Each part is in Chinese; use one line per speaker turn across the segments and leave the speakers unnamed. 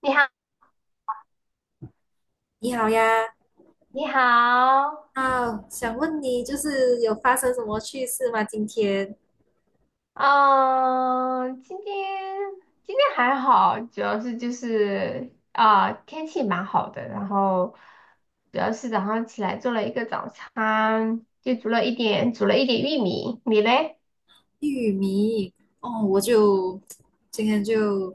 你好，
你好呀。
你好。
啊，想问你就是有发生什么趣事吗？今天
嗯，今天还好，主要是就是啊、天气蛮好的。然后主要是早上起来做了一个早餐，就煮了一点玉米，你嘞？
玉米。哦，我就今天就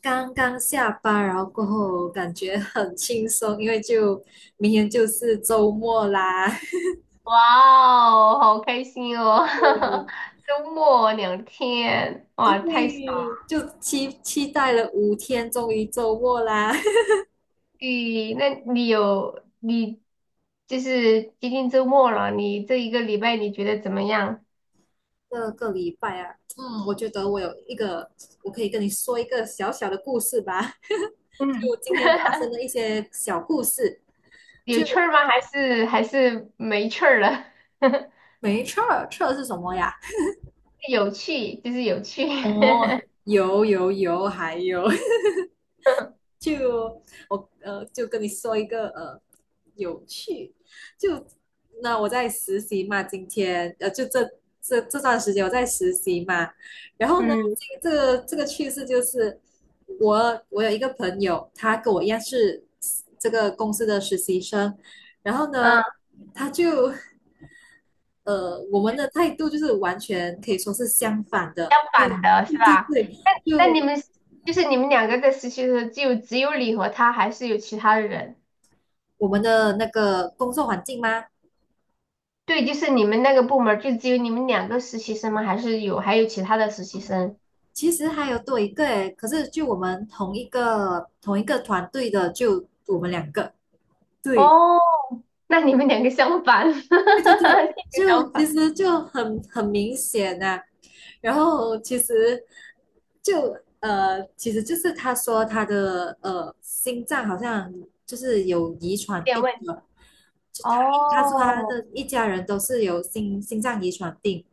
刚刚下班，然后过后感觉很轻松，因为就明天就是周末啦。
哇，哦，好开心哦。
嗯。
周末2天，哇，太爽
对，
了！
就期待了5天，终于周末啦。
你那你有你就是接近周末了，你这一个礼拜你觉得怎么样？
这个礼拜啊，嗯，我觉得我有一个，我可以跟你说一个小小的故事吧，就
嗯，
今天发生 的一些小故事。
有
就
趣儿吗？还是没趣儿了？
没撤儿，撤是什么呀？
有趣就是有趣。
哦，有有有，还有 就我就跟你说一个有趣，就那我在实习嘛，今天就这这段时间我在实习嘛。然后呢，
嗯
这个趣事就是我有一个朋友，他跟我一样是这个公司的实习生。然后呢，
嗯，
他就我们的态度就是完全可以说是相反的。
相
对
反的是
对对
吧？
对。
那你
就
们就是你们两个在实习的时候，就只有你和他，还是有其他的人？
我们的那个工作环境吗？
对，就是你们那个部门儿就只有你们两个实习生吗？还是还有其他的实习生？
其实还有多一个诶，可是就我们同一个团队的，就我们两个。对。
哦，那你们两个相反，这
对对对，
个
就
相
其
反
实就很明显呐。然后其实就其实就是他说他的心脏好像就是有遗
有
传
点
病
问题。
的，就他说他
哦，
的一家人都是有心脏遗传病。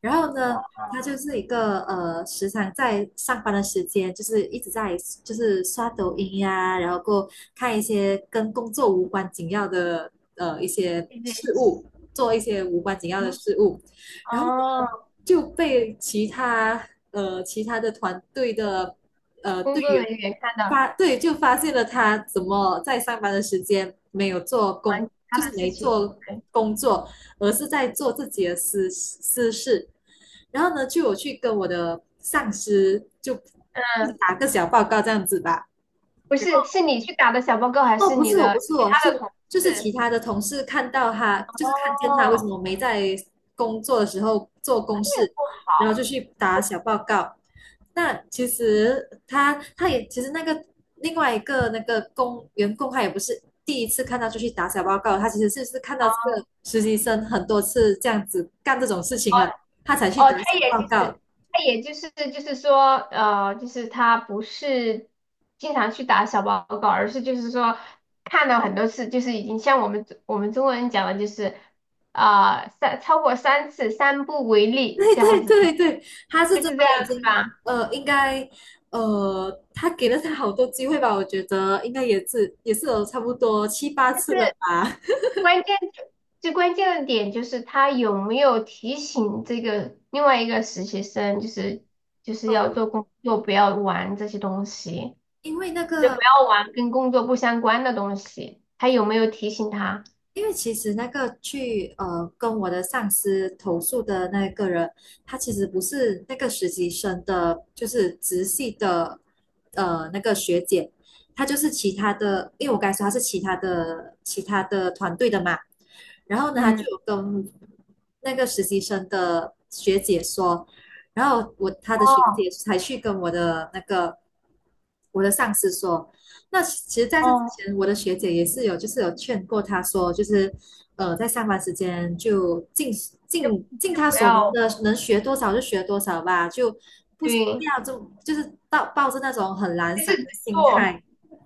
然后呢，
哇，
他就是一个时常在上班的时间，就是一直在就是刷抖音呀。然后过后看一些跟工作无关紧要的一些
有点
事
行
物，做一些无关紧要的事物。然后呢
哦。
就被其他的团队的
工
队
作人
员
员看到
对就发现了他怎么在上班的时间没有做工，
忙其他
就
的
是
事
没
情。
做
对，
工作，而是在做自己的私事。然后呢，就我去跟我的上司就
嗯，
打个小报告这样子吧。
不是，是你去打的小报告，还
哦，
是
不
你
是我，不
的
是
其
我，是
他的同
就是其
事？
他的同事看到他，就是看见他为什
哦，
么没在工作的时候做公
这也
事，
不
然后
好。
就去打小报告。那其实他也其实那个另外一个那个员工他也不是第一次看到就去打小报告，他其实是看到这个实习生很多次这样子干这种事情了，他才去
哦，
打
他
小
也
报
就
告。
是，他也就是说，就是他不是经常去打小报告，而是就是说看到很多次，就是已经像我们中国人讲的，就是啊、三超过三次三不为 例
对
这样
对
子。
对对，他是
就
真
是
的
这样
已
子
经
吧。
应该他给了他好多机会吧？我觉得应该也是有差不多七八次了
是。
吧。
关键就最关键的点就是他有没有提醒这个另外一个实习生，就是就是要
呃，
做工作，不要玩这些东西，
因为那
就不
个，
要玩跟工作不相关的东西。他有没有提醒他？
因为其实那个去跟我的上司投诉的那个人，他其实不是那个实习生的，就是直系的那个学姐，她就是其他的，因为我刚才说她是其他的团队的嘛。然后呢，他就
嗯，
有跟那个实习生的学姐说，然后他的学
哦
姐才去跟我的上司说。那其实在这之
哦，
前，我的学姐也是有就是有劝过他说，就是在上班时间就尽
就
尽尽他
不
所能
要
的，能学多少就学多少吧，就不不
对，
要就是抱着那种很懒
就
散
是
的
只
心
做
态。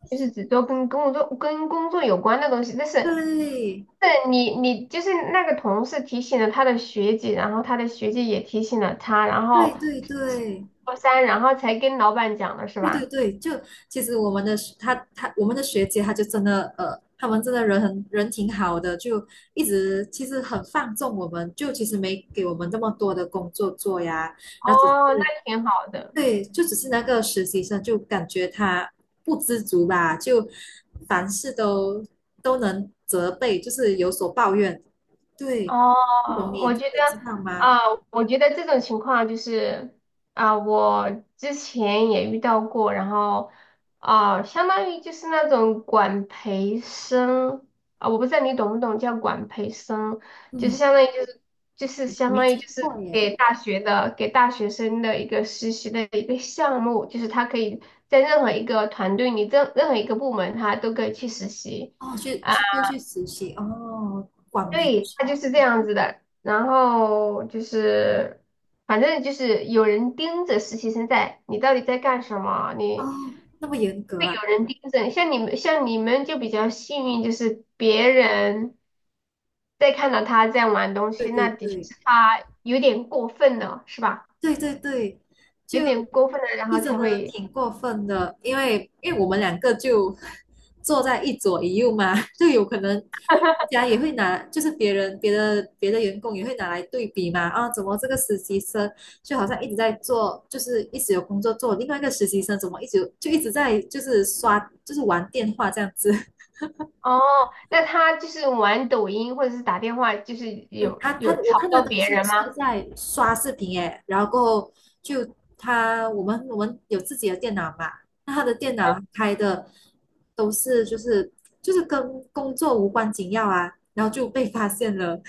就是只做跟工作有关的东西。但是
对
但你就是那个同事提醒了他的学姐，然后他的学姐也提醒了他，然
对
后。
对对。
高三，然后才跟老板讲的是
对对
吧？
对，就其实我们的学姐，她就真的他们真的人挺好的，就一直其实很放纵我们，就其实没给我们这么多的工作做呀。然后
哦，那挺好的。
对，就只是那个实习生就感觉他不知足吧，就凡事都能责备，就是有所抱怨。对，不懂
哦，
你就是知道吗？
啊，我觉得这种情况就是啊，我之前也遇到过。然后啊，相当于就是那种管培生，啊，我不知道你懂不懂叫管培生，就是
嗯，
相当于就是就是
我
相
没
当于
听
就是
过耶。
给大学生的一个实习的一个项目，就是他可以在任何一个团队里，任何一个部门，他都可以去实习。
哦，
啊。
就去实习哦，广培
对，他就是这样子的。然后就是，反正就是有人盯着实习生在，你到底在干什么？
哦，
你
那么严格
会
啊？
有人盯着你，像你们就比较幸运，就是别人在看到他在玩东
对
西，
对
那的确
对
是他有点过分了，是吧？
对对对，就
有点过分了，然后
真
才
的
会
挺过分的，因为我们两个就 坐在一左一右嘛，就有可能人家也会拿，就是别的员工也会拿来对比嘛。啊，怎么这个实习生就好像一直在做，就是一直有工作做，另外一个实习生怎么一直在就是玩电话这样子。
哦，那他就是玩抖音或者是打电话，就是
嗯
有
他，
有
我
吵
看他
到
的
别
就
人吗？
是在刷视频诶。然后就他我们我们有自己的电脑嘛，那他的电脑开的都是就是跟工作无关紧要啊，然后就被发现了。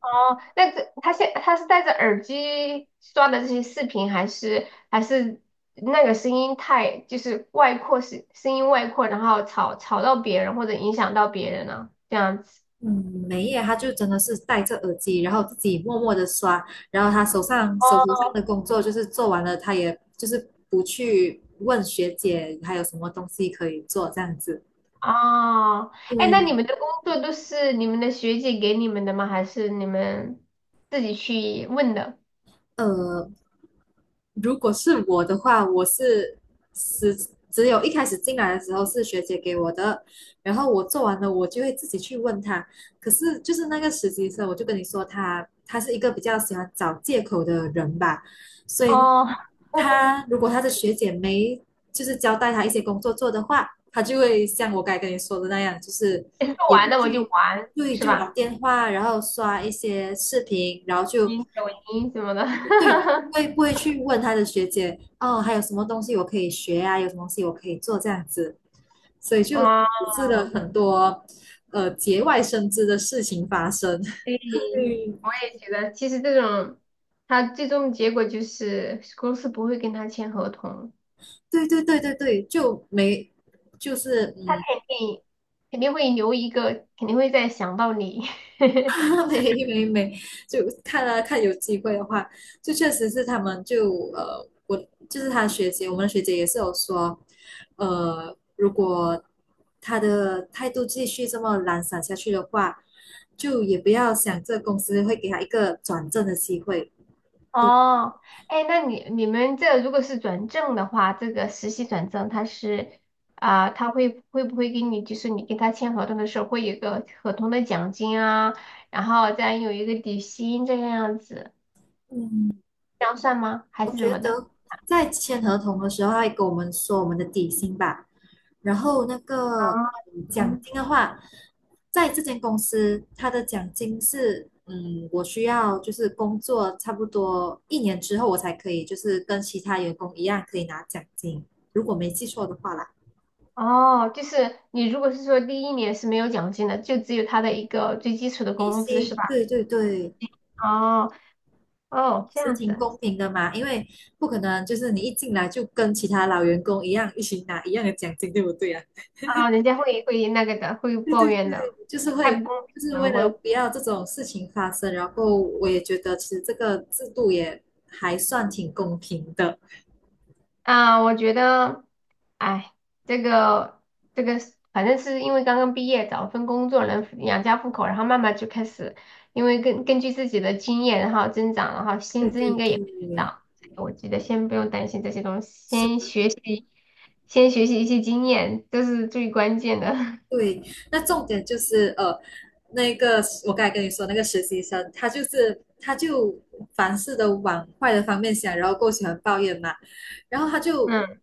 哦，那这他现他是戴着耳机刷的这些视频，还是还是那个声音外扩，然后吵到别人或者影响到别人呢？这样子。
嗯，没耶，他就真的是戴着耳机，然后自己默默的刷，然后他手头上
哦
的工作就是做完了，他也就是不去问学姐还有什么东西可以做这样子。
哦，哎，那
对。
你们的工作都是你们的学姐给你们的吗？还是你们自己去问的？
呃，如果是我的话，我是只有一开始进来的时候是学姐给我的，然后我做完了，我就会自己去问她。可是就是那个实习生，我就跟你说他，他是一个比较喜欢找借口的人吧，所以
哦，
他如果他的学姐没就是交代他一些工作做的话，他就会像我刚才跟你说的那样，就是
诶做
也不
完了我就
去。
玩，
对，
是
就玩
吧？
电话，然后刷一些视频，然后就
音抖音什么的。
对，就不会去问他的学姐哦，还有什么东西我可以学啊？有什么东西我可以做这样子，所以就导
哦，
致了很多节外生枝的事情发生。
对，
对，
我也觉得，其实这种，他最终结果就是公司不会跟他签合同。
对对对对对，就没就是，
肯定肯定会留一个，肯定会再想到你。
没没没，就看啊看有机会的话，就确实是他们就，我就是他学姐，我们的学姐也是有说。如果他的态度继续这么懒散下去的话，就也不要想这个公司会给他一个转正的机会。
哦，哎，那你你们这如果是转正的话，这个实习转正，他是啊、他会不会给你，就是你跟他签合同的时候，会有一个合同的奖金啊，然后再有一个底薪这个样子，这样算吗？还
我
是怎
觉
么的？
得在签合同的时候，他会跟我们说我们的底薪吧，然后那个奖
嗯
金的话，在这间公司，它的奖金是，我需要就是工作差不多一年之后，我才可以就是跟其他员工一样可以拿奖金，如果没记错的话啦。
哦，就是你如果是说第一年是没有奖金的，就只有他的一个最基础的
底
工资是
薪，
吧？
对对对，也
哦哦，这
是
样
挺
子
公平的嘛，因为不可能就是你一进来就跟其他老员工一样一起拿一样的奖金，对不对啊？
啊，人家会那个的，会抱怨的，
就是会
太不公平
就是为
了，
了不要这种事情发生，然后我也觉得其实这个制度也还算挺公平的。
啊，我觉得，哎，这个这个是反正是因为刚刚毕业，找份工作能养家糊口，然后慢慢就开始，因为根据自己的经验，然后增长，然后
对
薪资
对
应该也会
对，
涨。我觉得先不用担心这些东西，先
是
学习，先学习一些经验，这是最关键的。
对，那重点就是那个我刚才跟你说那个实习生，他就凡事都往坏的方面想，然后够喜欢抱怨嘛，然后
嗯，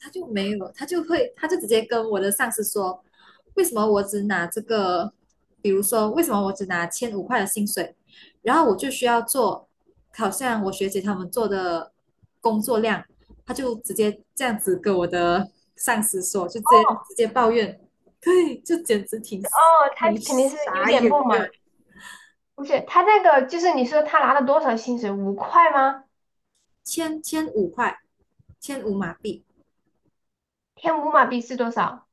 他就没有，他就直接跟我的上司说，为什么我只拿这个，比如说为什么我只拿千五块的薪水，然后我就需要做好像我学姐他们做的工作量，他就直接这样子跟我的上司说，就
哦，
直接抱怨。对，这简直
哦，他
挺
肯定是有
傻
点
眼
不满。
的。
不是他那个，就是你说他拿了多少薪水？5块吗？
千五块，千五马币，
天五马币是多少？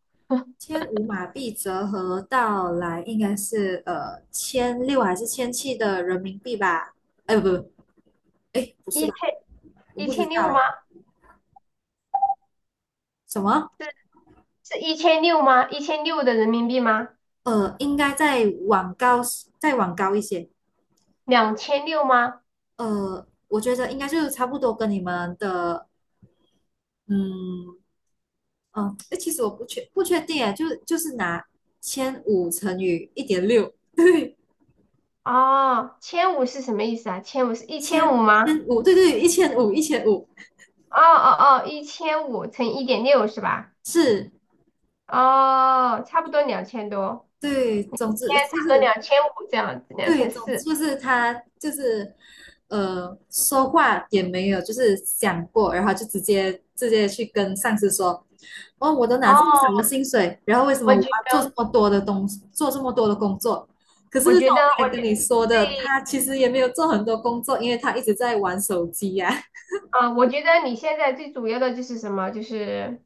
千五马币折合到来应该是千六还是千七的人民币吧？哎，不不，哎，不是
一
吧？
千
我
一
不知
千
道
六吗？
哎。什么？
是一千六吗？一千六的人民币吗？
应该再往高，再往高一些。
2600吗？
我觉得应该就是差不多跟你们的，嗯嗯，哎，其实我不确定哎，就是拿千五乘以1.6，对，
哦，千五是什么意思啊？千五是一千五吗？
千五，对对，一千五，一千五，
哦哦哦，一千五乘1.6是吧？
是，
哦，差不多2000多，
对，总之
现在
就
差不多
是
2500这样子，两
对，
千
总之
四。
就是他就是说话也没有就是想过，然后就直接去跟上司说，哦，我都拿
哦，
这么少的薪水，然后为什么
我
我
觉
要做这
得，
么多的东西，做这么多的工作？可是
我觉
像我
得，
刚
我
才跟
觉
你说的，
对
他其实也没有做很多工作，因为他一直在玩手机呀。
啊，我觉得你现在最主要的就是什么？就是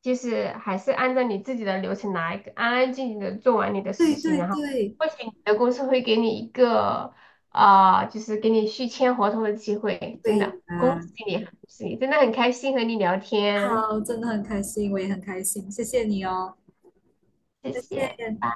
就是还是按照你自己的流程来，安安静静的做完你的 实
对
习，
对
然后
对，
或许你的公司会给你一个啊、就是给你续签合同的机会。真
对
的，恭
啊，
喜你，恭喜你，真的很开心和你聊天，
好，真的很开心，我也很开心，谢谢你哦。
谢
再
谢。
见。